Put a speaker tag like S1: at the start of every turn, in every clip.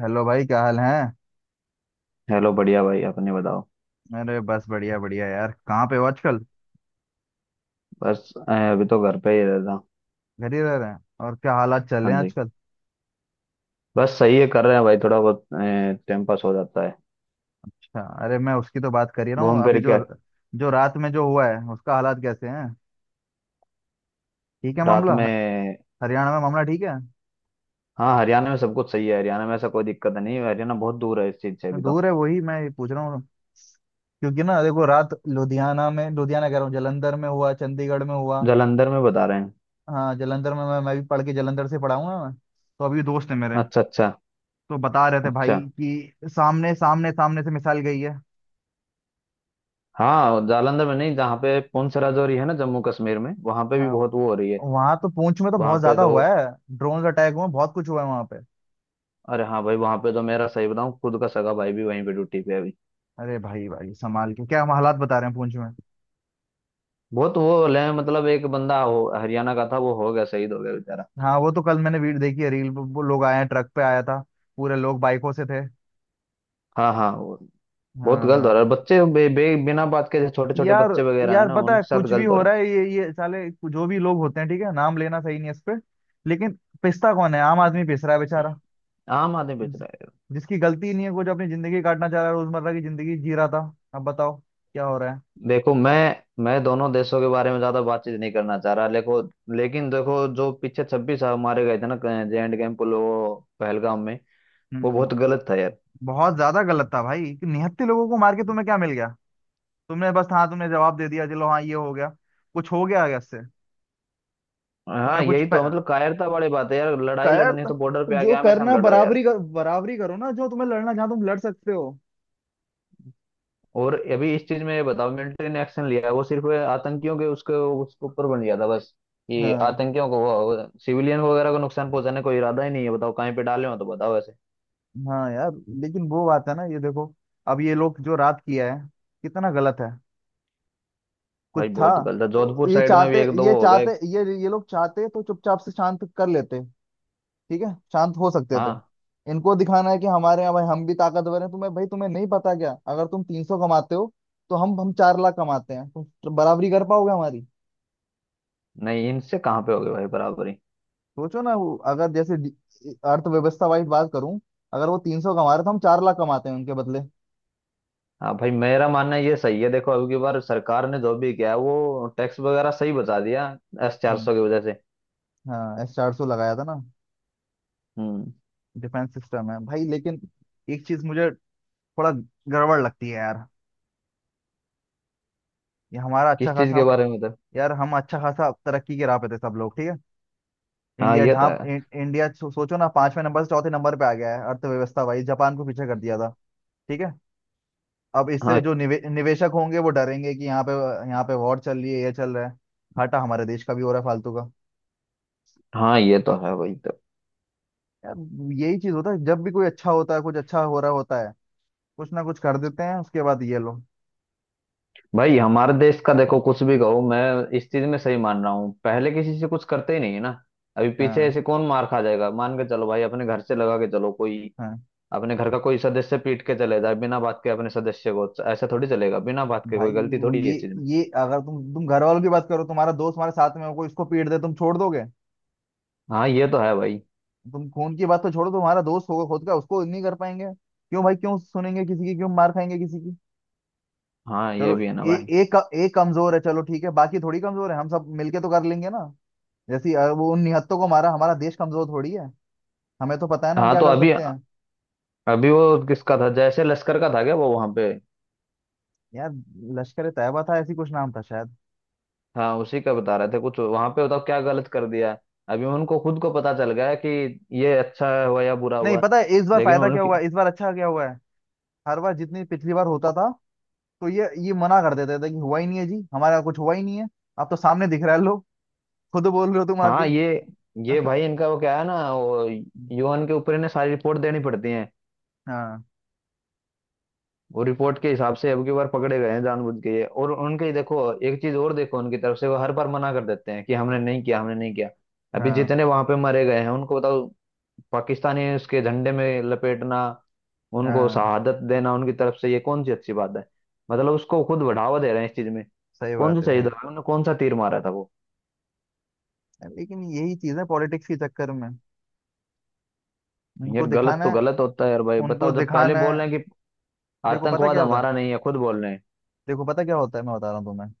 S1: Hello भाई, क्या हाल है।
S2: हेलो, बढ़िया भाई। अपने बताओ।
S1: अरे बस बढ़िया बढ़िया यार, कहाँ पे हो आजकल।
S2: बस अभी तो घर पे ही रहता।
S1: घर ही रह रहे हैं। और क्या हालात चल रहे
S2: हाँ
S1: हैं
S2: जी।
S1: आजकल।
S2: बस सही है, कर रहे हैं भाई, थोड़ा बहुत टाइम पास हो जाता है
S1: अच्छा, अरे मैं उसकी तो बात कर ही रहा हूँ
S2: घूम
S1: अभी।
S2: फिर
S1: जो
S2: के।
S1: जो रात में जो हुआ है, उसका हालात कैसे हैं। ठीक है
S2: रात
S1: मामला
S2: में?
S1: हरियाणा में मामला ठीक है।
S2: हाँ, हरियाणा में सब कुछ सही है। हरियाणा में ऐसा कोई दिक्कत नहीं है। हरियाणा बहुत दूर है इस चीज से अभी तो।
S1: दूर है, वही मैं पूछ रहा हूँ। क्योंकि ना देखो, रात लुधियाना में, लुधियाना कह रहा हूँ जलंधर में हुआ, चंडीगढ़ में हुआ।
S2: जालंधर में बता रहे हैं।
S1: हाँ, जलंधर में मैं भी पढ़ के, जलंधर से पढ़ा हूँ ना मैं। तो अभी दोस्त है मेरे।
S2: अच्छा। अच्छा।
S1: तो बता रहे थे भाई
S2: अच्छा।
S1: कि सामने सामने सामने से मिसाइल गई है।
S2: हाँ, जालंधर में नहीं, जहाँ पे पुंछ राजौरी है ना, जम्मू कश्मीर में, वहां पे भी
S1: हाँ,
S2: बहुत वो हो रही है।
S1: वहां तो पूंछ में तो
S2: वहां
S1: बहुत
S2: पे
S1: ज्यादा
S2: तो।
S1: हुआ है। ड्रोन अटैक हुआ, बहुत कुछ हुआ है वहां पे।
S2: अरे हाँ भाई, वहां पे तो मेरा सही बताऊँ, खुद का सगा भाई भी वहीं पे ड्यूटी पे है अभी।
S1: अरे भाई भाई, संभाल के। क्या हम हालात बता रहे हैं पूंछ में।
S2: बहुत वो ले मतलब, एक बंदा हो हरियाणा का था, वो हो गया, शहीद हो गया बेचारा।
S1: हाँ, वो तो कल मैंने वीडियो देखी है, रील। वो लोग आए हैं, ट्रक पे आया था। पूरे लोग बाइकों से थे।
S2: हाँ हाँ वो। बहुत
S1: हाँ
S2: गलत हो
S1: हाँ।
S2: रहा है बच्चे बे, बे, बिना बात के। छोटे छोटे
S1: यार,
S2: बच्चे वगैरह है
S1: यार
S2: ना,
S1: पता है
S2: उनके साथ
S1: कुछ भी
S2: गलत हो
S1: हो
S2: रहा
S1: रहा है। ये साले जो भी लोग होते हैं, ठीक है नाम लेना सही नहीं है इस पे। लेकिन पिसता कौन है, आम आदमी पिस रहा है बेचारा।
S2: है। आम आदमी बेच
S1: जिस-
S2: रहा है।
S1: जिसकी गलती नहीं है, वो जो अपनी जिंदगी काटना चाह रहा है, रोजमर्रा की जिंदगी जी रहा था। अब बताओ क्या हो रहा है।
S2: देखो, मैं दोनों देशों के बारे में ज्यादा बातचीत नहीं करना चाह रहा। देखो लेकिन, देखो जो पीछे 26 मारे गए थे ना, जे एंड कैंप, वो पहलगाम में, वो
S1: हम्म।
S2: बहुत गलत था यार।
S1: बहुत ज्यादा गलत था भाई, कि निहत्थे लोगों को मार के तुम्हें क्या मिल गया। तुमने बस, हाँ तुमने जवाब दे दिया, चलो हाँ ये हो गया। कुछ हो गया आगे इससे।
S2: हाँ,
S1: तुम्हें कुछ
S2: यही
S1: प...
S2: तो मतलब कायरता वाली बात है यार। लड़ाई
S1: कर
S2: लड़नी है तो बॉर्डर पे आके
S1: जो
S2: आमने
S1: करना
S2: सामने लड़ो यार।
S1: बराबरी बराबरी करो ना, जो तुम्हें लड़ना, जहाँ तुम लड़ सकते हो।
S2: और अभी इस चीज में ये बताओ, मिलिट्री ने एक्शन लिया, वो सिर्फ आतंकियों के उसके उसके ऊपर बन गया था बस। ये
S1: हाँ
S2: आतंकियों को, सिविलियन वगैरह को नुकसान पहुंचाने का इरादा ही नहीं है। बताओ कहीं पे डाले हो तो बताओ ऐसे।
S1: हाँ यार। लेकिन वो बात है ना, ये देखो अब ये लोग जो रात किया है, कितना गलत है। कुछ
S2: भाई
S1: था
S2: बहुत गलत है,
S1: तो।
S2: जोधपुर
S1: ये
S2: साइड में
S1: चाहते
S2: भी एक दो
S1: ये
S2: वो हो
S1: चाहते
S2: गए।
S1: ये ये लोग चाहते तो चुपचाप से शांत कर लेते। ठीक है, शांत हो सकते थे।
S2: हाँ।
S1: इनको दिखाना है कि हमारे यहाँ भाई, हम भी ताकतवर हैं। तुम्हें भाई तुम्हें नहीं पता क्या, अगर तुम 300 कमाते हो तो हम 4 लाख कमाते हैं, तुम बराबरी कर पाओगे हमारी।
S2: नहीं, इनसे कहाँ पे हो गए भाई बराबरी।
S1: सोचो ना, वो अगर जैसे अर्थव्यवस्था वाइज बात करूं, अगर वो 300 कमा रहे तो हम 4 लाख कमाते हैं उनके बदले।
S2: हाँ भाई, मेरा मानना ये सही है। देखो, अब की बार सरकार ने जो भी किया है, वो टैक्स वगैरह सही बचा दिया एस चार
S1: हम्म,
S2: सौ की वजह से।
S1: हाँ S-400 लगाया था ना।
S2: हम्म।
S1: डिफेंस सिस्टम है भाई, लेकिन एक चीज मुझे थोड़ा गड़बड़ लगती है यार। ये हमारा अच्छा
S2: किस चीज
S1: खासा
S2: के
S1: हम
S2: बारे में था?
S1: यार हम अच्छा खासा तरक्की के राह पे थे सब लोग, ठीक है।
S2: हाँ
S1: इंडिया
S2: ये तो
S1: जहाँ
S2: है।
S1: इंडिया सोचो ना, पांचवें नंबर से चौथे नंबर पे आ गया है, अर्थव्यवस्था वाइज जापान को पीछे कर दिया था। ठीक है। अब इससे
S2: हाँ।
S1: जो निवेशक होंगे वो डरेंगे कि यहाँ पे, यहाँ पे वॉर चल रही है, ये चल रहा है। घाटा हमारे देश का भी हो रहा है फालतू का।
S2: हाँ ये तो है भाई, तो
S1: यार यही चीज होता है, जब भी कोई अच्छा होता है, कुछ अच्छा हो रहा होता है, कुछ ना कुछ कर देते हैं उसके बाद ये लोग।
S2: भाई हमारे देश का देखो कुछ भी कहो। मैं इस चीज में सही मान रहा हूँ, पहले किसी से कुछ करते ही नहीं है ना। अभी पीछे
S1: हाँ
S2: ऐसे कौन मार खा जाएगा? मान के चलो भाई अपने घर से लगा के चलो, कोई
S1: हाँ
S2: अपने घर का कोई सदस्य पीट के चले जाए बिना बात के, अपने सदस्य को ऐसा थोड़ी चलेगा बिना बात के। कोई
S1: भाई।
S2: गलती
S1: वो
S2: थोड़ी है इस चीज में।
S1: ये अगर तुम, घर वालों की बात करो, तुम्हारा दोस्त तुम्हारे साथ में हो, कोई उसको पीट दे, तुम छोड़ दोगे।
S2: हाँ ये तो है भाई।
S1: तुम खून की बात तो छोड़ो, तुम्हारा दोस्त होगा खुद का, उसको नहीं कर पाएंगे। क्यों भाई क्यों सुनेंगे किसी की, क्यों मार खाएंगे किसी की।
S2: हाँ ये
S1: चलो,
S2: भी है ना
S1: ए,
S2: भाई।
S1: एक एक कमजोर है, चलो ठीक है, बाकी थोड़ी कमजोर है, हम सब मिलके तो कर लेंगे ना। जैसे वो उन निहत्तों को मारा, हमारा देश कमजोर थोड़ी है, हमें तो पता है ना हम
S2: हाँ
S1: क्या
S2: तो
S1: कर
S2: अभी,
S1: सकते हैं।
S2: अभी वो किसका था, जैसे लश्कर का था क्या वो वहां पे?
S1: यार लश्कर ए तैयबा था, ऐसी कुछ नाम था शायद।
S2: हाँ उसी का बता रहे थे कुछ वहां पे। बताओ क्या गलत कर दिया है। अभी उनको खुद को पता चल गया है कि ये अच्छा हुआ या बुरा
S1: नहीं,
S2: हुआ।
S1: पता है इस बार
S2: लेकिन
S1: फायदा क्या
S2: उनकी,
S1: हुआ है? इस बार अच्छा क्या हुआ है। हर बार जितनी पिछली बार होता था, तो ये मना कर देते थे कि हुआ ही नहीं है जी, हमारा कुछ हुआ ही नहीं है। आप तो सामने दिख रहा है, लो खुद बोल रहे हो तुम
S2: हाँ
S1: आके।
S2: ये भाई इनका वो क्या है ना, वो यूएन के ऊपर इन्हें सारी रिपोर्ट देनी पड़ती है।
S1: हाँ
S2: वो रिपोर्ट के हिसाब से अब की बार पकड़े गए हैं जानबूझ के ये, और उनके देखो, एक चीज और देखो, उनकी तरफ से वो हर बार मना कर देते हैं कि हमने नहीं किया, हमने नहीं किया। अभी
S1: हाँ
S2: जितने वहां पे मरे गए हैं उनको बताओ, पाकिस्तानी उसके झंडे में लपेटना, उनको
S1: हाँ।
S2: शहादत देना, उनकी तरफ से ये कौन सी अच्छी बात है? मतलब उसको खुद बढ़ावा दे रहे हैं इस चीज में।
S1: सही बात
S2: कौन
S1: है
S2: सा शहीद
S1: भाई।
S2: हो गया? उन्होंने कौन सा तीर मारा था वो?
S1: लेकिन यही चीज है, पॉलिटिक्स के चक्कर में उनको
S2: यार गलत
S1: दिखाना
S2: तो
S1: है।
S2: गलत होता है यार भाई
S1: उनको
S2: बताओ, जब पहले
S1: दिखाना है।
S2: बोल रहे हैं कि
S1: देखो पता
S2: आतंकवाद
S1: क्या होता है,
S2: हमारा नहीं है खुद बोल रहे हैं।
S1: देखो पता क्या होता है, मैं बता रहा हूँ तुम्हें।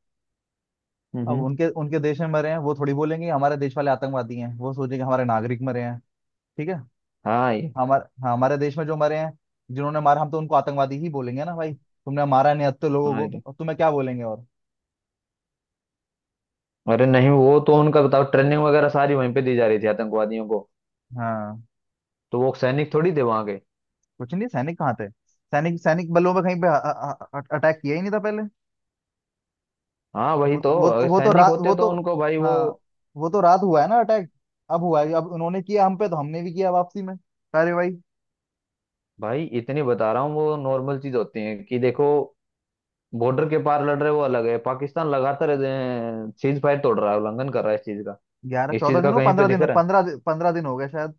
S1: अब
S2: हम्म।
S1: उनके उनके देश में मरे हैं, वो थोड़ी बोलेंगे हमारे देश वाले आतंकवादी हैं, वो सोचेंगे हमारे नागरिक मरे हैं, ठीक है।
S2: हाँ ये।
S1: हमारे देश में जो मरे हैं, जिन्होंने मारा, हम तो उनको आतंकवादी ही बोलेंगे ना भाई। तुमने मारा निहत्तर लोगों
S2: हाँ ये
S1: को,
S2: तो।
S1: और तुम्हें क्या बोलेंगे और।
S2: अरे नहीं, वो तो उनका बताओ ट्रेनिंग वगैरह सारी वहीं पे दी जा रही थी आतंकवादियों को।
S1: हाँ।
S2: तो वो सैनिक थोड़ी थे वहां के।
S1: कुछ नहीं, सैनिक कहाँ थे। सैनिक सैनिक बलों में कहीं पे अटैक किया ही नहीं था पहले।
S2: हाँ वही तो, अगर
S1: वो तो
S2: सैनिक
S1: रात
S2: होते
S1: वो तो
S2: तो उनको भाई वो।
S1: हाँ, वो तो रात हुआ है ना अटैक। अब हुआ है, अब उन्होंने किया हम पे तो हमने भी किया वापसी में कार्रवाई।
S2: भाई इतनी बता रहा हूँ, वो नॉर्मल चीज होती है कि देखो बॉर्डर के पार लड़ रहे वो अलग है, पाकिस्तान लगातार सीज फायर तोड़ रहा है, उल्लंघन कर रहा है इस चीज का।
S1: ग्यारह
S2: इस
S1: चौदह
S2: चीज का कहीं पे दिख
S1: दिन हो
S2: रहा है?
S1: पंद्रह पंद्रह दिन हो गए शायद।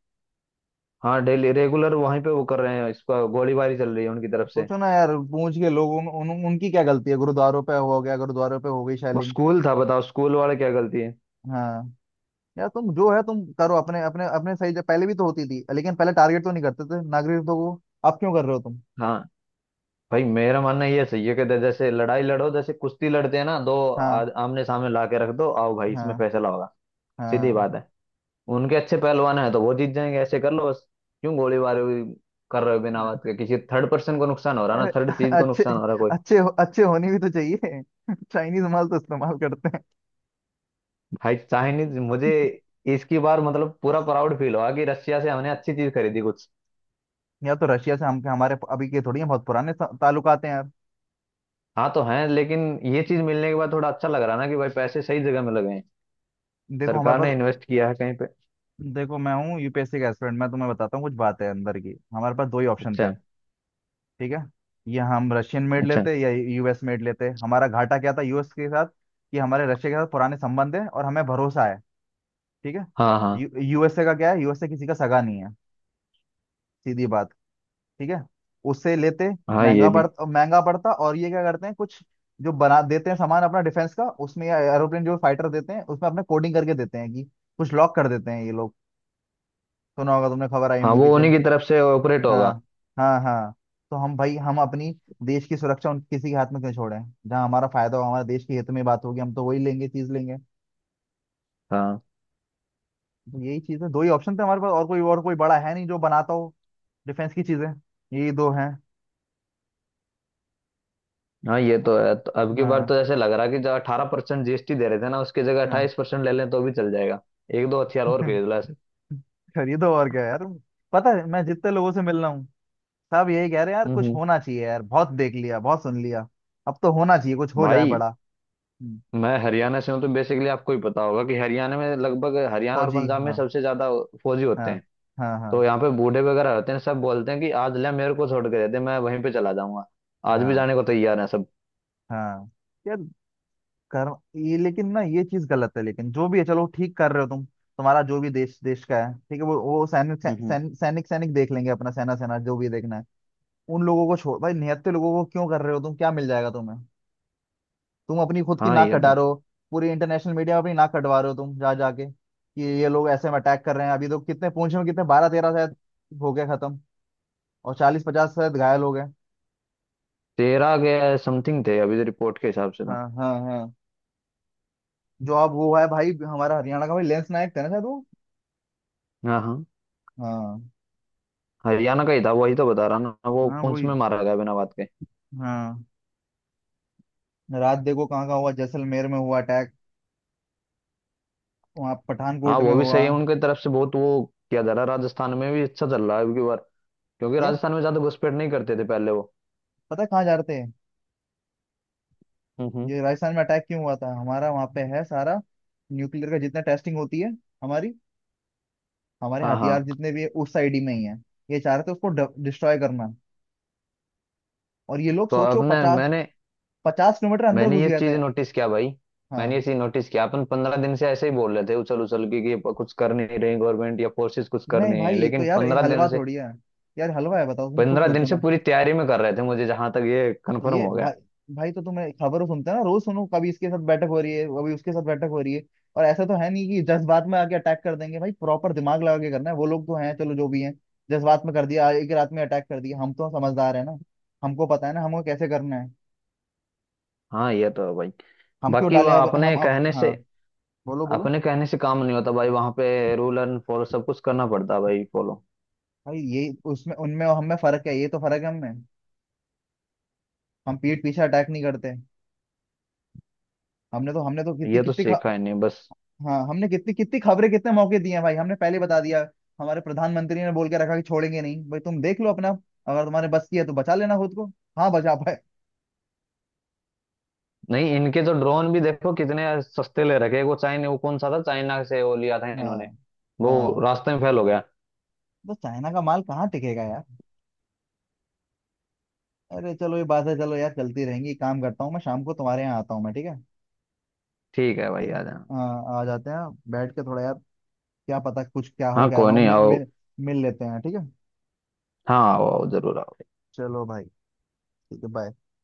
S2: हाँ डेली रेगुलर वहीं पे वो कर रहे हैं, इसका गोलीबारी चल रही है उनकी तरफ से।
S1: सोचो ना यार, पूंछ के लोगों उनकी क्या गलती है। गुरुद्वारों पे हो गया, गुरुद्वारों पे हो गई
S2: वो
S1: शैलिंग।
S2: स्कूल था बताओ, स्कूल वाले क्या गलती है।
S1: हाँ। यार तुम जो है तुम करो अपने अपने अपने सही जगह, पहले भी तो होती थी, लेकिन पहले टारगेट तो नहीं करते थे नागरिक तो वो। अब क्यों कर रहे हो तुम।
S2: हाँ भाई मेरा मानना ये सही है कि जैसे लड़ाई लड़ो, जैसे कुश्ती लड़ते हैं ना, दो
S1: हाँ
S2: आमने सामने ला के रख दो, आओ भाई इसमें
S1: हाँ
S2: फैसला होगा। सीधी
S1: हाँ।
S2: बात है। उनके अच्छे पहलवान हैं तो वो जीत जाएंगे, ऐसे कर लो बस। क्यों गोलीबारी कर रहे हो बिना बात के? किसी थर्ड पर्सन को नुकसान हो रहा है
S1: अरे
S2: ना, थर्ड चीज को
S1: अच्छे
S2: नुकसान हो रहा है कोई।
S1: अच्छे, अच्छे होने भी तो चाहिए। चाइनीज माल तो इस्तेमाल करते हैं।
S2: भाई चाइनीज मुझे इसकी बार मतलब पूरा प्राउड फील हुआ कि रशिया से हमने अच्छी चीज खरीदी कुछ।
S1: या तो रशिया से, हम हमारे अभी के थोड़ी हैं, बहुत पुराने ताल्लुकात हैं यार।
S2: हाँ तो है, लेकिन ये चीज मिलने के बाद थोड़ा अच्छा लग रहा ना कि भाई पैसे सही जगह में लगे हैं,
S1: देखो हमारे
S2: सरकार ने
S1: पास,
S2: इन्वेस्ट किया है कहीं पे।
S1: देखो मैं हूँ यूपीएससी का एस्पिरेंट, मैं तुम्हें बताता हूँ कुछ बात है अंदर की। हमारे पास दो ही ऑप्शन थे,
S2: अच्छा।
S1: ठीक है। या हम रशियन मेड
S2: अच्छा।
S1: लेते या यूएस मेड लेते। हमारा घाटा क्या था यूएस के साथ, कि हमारे रशिया के साथ पुराने संबंध है और हमें भरोसा है, ठीक है।
S2: हाँ हाँ।
S1: यू यूएसए का क्या है, यूएसए किसी का सगा नहीं है, सीधी बात। ठीक है, उससे लेते
S2: हाँ ये
S1: महंगा
S2: भी।
S1: पड़ता, महंगा पड़ता। और ये क्या करते हैं, कुछ जो बना देते हैं सामान अपना डिफेंस का, उसमें या एरोप्लेन जो फाइटर देते हैं उसमें, अपने कोडिंग करके देते हैं कि कुछ लॉक कर देते हैं ये लोग। सुना होगा तुमने, खबर आई
S2: हाँ
S1: होंगी
S2: वो
S1: पीछे।
S2: उन्हीं की तरफ से ऑपरेट
S1: हाँ
S2: होगा।
S1: हाँ हाँ। तो हम भाई हम अपनी देश की सुरक्षा उन किसी के हाथ में क्यों छोड़ें। जहाँ हमारा फायदा हो, हमारे देश के हित में बात होगी, हम तो वही लेंगे, चीज लेंगे।
S2: हाँ
S1: तो यही चीज है, दो ही ऑप्शन थे हमारे पास, और कोई बड़ा है नहीं जो बनाता हो डिफेंस की चीजें, यही दो हैं।
S2: हाँ, ये तो है। तो अब की बार
S1: हाँ
S2: तो जैसे लग रहा है कि जो 18% जीएसटी दे रहे थे ना, उसकी जगह
S1: हाँ।
S2: 28% ले लें तो भी चल जाएगा। एक दो हथियार और खरीद ला ऐसे।
S1: खरीदो और क्या यार। पता है मैं जितने लोगों से मिल रहा हूँ, सब यही कह रहे हैं, यार कुछ
S2: हम्म।
S1: होना चाहिए, यार बहुत देख लिया बहुत सुन लिया, अब तो होना चाहिए, कुछ हो जाए
S2: भाई
S1: बड़ा। हम्म,
S2: मैं हरियाणा से हूँ, तो बेसिकली आपको ही पता होगा कि हरियाणा में लगभग, हरियाणा और
S1: फौजी
S2: पंजाब में
S1: हाँ।
S2: सबसे ज्यादा फौजी होते
S1: हाँ
S2: हैं।
S1: हाँ। हाँ
S2: तो यहाँ पे बूढ़े वगैरह होते हैं, सब बोलते हैं कि आज ले मेरे को छोड़ के देते, मैं वहीं पे चला जाऊंगा। आज भी
S1: हाँ
S2: जाने को तैयार है सब।
S1: हाँ। यार कर ये लेकिन ना ये चीज गलत है, लेकिन जो भी है चलो ठीक, कर रहे हो तुम, तुम्हारा जो भी देश देश का है, ठीक है। वो सैनिक सै-
S2: हम्म।
S1: सैनिक सैनिक सैनिक देख लेंगे अपना, सेना सेना जो भी देखना है। उन लोगों को छोड़ भाई, निहत्थे लोगों को क्यों कर रहे हो तुम, क्या मिल जाएगा तुम्हें। तुम अपनी खुद की
S2: हाँ
S1: नाक
S2: ये
S1: कटा
S2: तो।
S1: रहे हो, पूरी इंटरनेशनल मीडिया में अपनी नाक कटवा रहे हो तुम, जा जाके कि ये लोग ऐसे में अटैक कर रहे हैं। अभी तो कितने पूंछ में, कितने 12-13 शायद हो गया खत्म, और 40-50 शायद घायल हो गए।
S2: 13 के समथिंग थे अभी रिपोर्ट के हिसाब से तो।
S1: हाँ हाँ हाँ। जो अब वो है भाई, हमारा हरियाणा का भाई, लेंस नायक था ना शायद वो।
S2: हाँ हाँ।
S1: हाँ
S2: हरियाणा का ही था, वही तो बता रहा ना, वो
S1: हाँ
S2: पुंछ में
S1: वही।
S2: मारा गया बिना बात के।
S1: हाँ, रात देखो कहाँ का हुआ, जैसलमेर में हुआ अटैक, वहाँ
S2: हाँ
S1: पठानकोट में
S2: वो भी सही
S1: हुआ।
S2: है, उनके तरफ से बहुत वो किया जा रहा है। राजस्थान में भी अच्छा चल रहा है अबकी बार, क्योंकि
S1: यार
S2: राजस्थान में ज्यादा घुसपैठ नहीं करते थे पहले वो।
S1: पता है कहाँ जा रहे थे,
S2: हम्म।
S1: ये राजस्थान में अटैक क्यों हुआ था। हमारा वहाँ पे है सारा न्यूक्लियर का जितना टेस्टिंग होती है हमारी, हमारे
S2: हाँ।
S1: हथियार
S2: हाँ
S1: जितने भी है उस साइड ही में ही है। ये चाह रहे थे उसको डिस्ट्रॉय करना। और ये लोग
S2: तो
S1: सोचो,
S2: अपने
S1: पचास
S2: मैंने
S1: पचास किलोमीटर अंदर
S2: मैंने
S1: घुस
S2: ये
S1: गए
S2: चीज
S1: थे।
S2: नोटिस किया भाई। मैंने ये
S1: हाँ।
S2: चीज नोटिस किया, अपन 15 दिन से ऐसे ही बोल रहे थे उछल उछल के कि ये कुछ कर नहीं रही गवर्नमेंट या फोर्सेस कुछ कर
S1: नहीं
S2: नहीं है,
S1: भाई तो
S2: लेकिन
S1: यार, ये हलवा थोड़ी है, यार हलवा है, बताओ तुम खुद
S2: 15 दिन
S1: सोचो
S2: से
S1: ना।
S2: पूरी तैयारी में कर रहे थे, मुझे जहां तक ये कंफर्म
S1: ये
S2: हो
S1: भाई
S2: गया।
S1: भाई तो तुम्हें खबरों सुनते हो ना, रोज सुनो, कभी इसके साथ बैठक हो रही है, कभी उसके साथ बैठक हो रही है। और ऐसा तो है नहीं कि जज्बात में आके अटैक कर देंगे भाई, प्रॉपर दिमाग लगा के करना है। वो लोग तो हैं चलो जो भी हैं, जज्बात में कर दिया, एक रात में अटैक कर दिया, हम तो समझदार है ना, हमको पता है ना हमको कैसे करना है।
S2: हाँ ये तो है भाई।
S1: हम क्यों
S2: बाकी वो
S1: डालें, अब हम, अब हाँ। बोलो बोलो।
S2: अपने कहने से काम नहीं होता भाई। वहां पे रूल एंड फॉलो सब कुछ करना पड़ता है भाई, फॉलो।
S1: भाई ये उसमें उनमें और हमें फर्क है, ये तो फर्क है हमें, हम पीठ पीछे अटैक नहीं करते। हमने तो कितनी
S2: ये तो
S1: कितनी
S2: सीखा
S1: ख-
S2: ही नहीं बस।
S1: हाँ हमने कितनी कितनी खबरें, कितने मौके दिए हैं भाई, हमने पहले बता दिया। हमारे प्रधानमंत्री ने बोल के रखा कि छोड़ेंगे नहीं भाई, तुम देख लो अपना, अगर तुम्हारे बस की है तो बचा लेना खुद को। हाँ बचा पाए।
S2: नहीं, इनके तो ड्रोन भी देखो कितने सस्ते ले रखे हैं। वो चाइना, वो कौन सा था चाइना से वो लिया था इन्होंने,
S1: हाँ
S2: वो
S1: हाँ।
S2: रास्ते में फेल हो गया।
S1: तो चाइना का माल कहाँ टिकेगा यार। अरे चलो ये बात है, चलो यार चलती रहेंगी, एक काम करता हूँ मैं, शाम को तुम्हारे यहाँ आता हूँ मैं, ठीक है।
S2: ठीक है भाई
S1: ठीक है।
S2: आ जाना।
S1: हाँ आ जाते हैं, बैठ के थोड़ा यार, क्या पता कुछ क्या हो,
S2: हाँ
S1: क्या
S2: कोई
S1: रहा हो,
S2: नहीं, आओ।
S1: मिल मिल लेते हैं, ठीक है।
S2: हाँ आओ आओ, जरूर आओ।
S1: चलो भाई, ठीक है, बाय।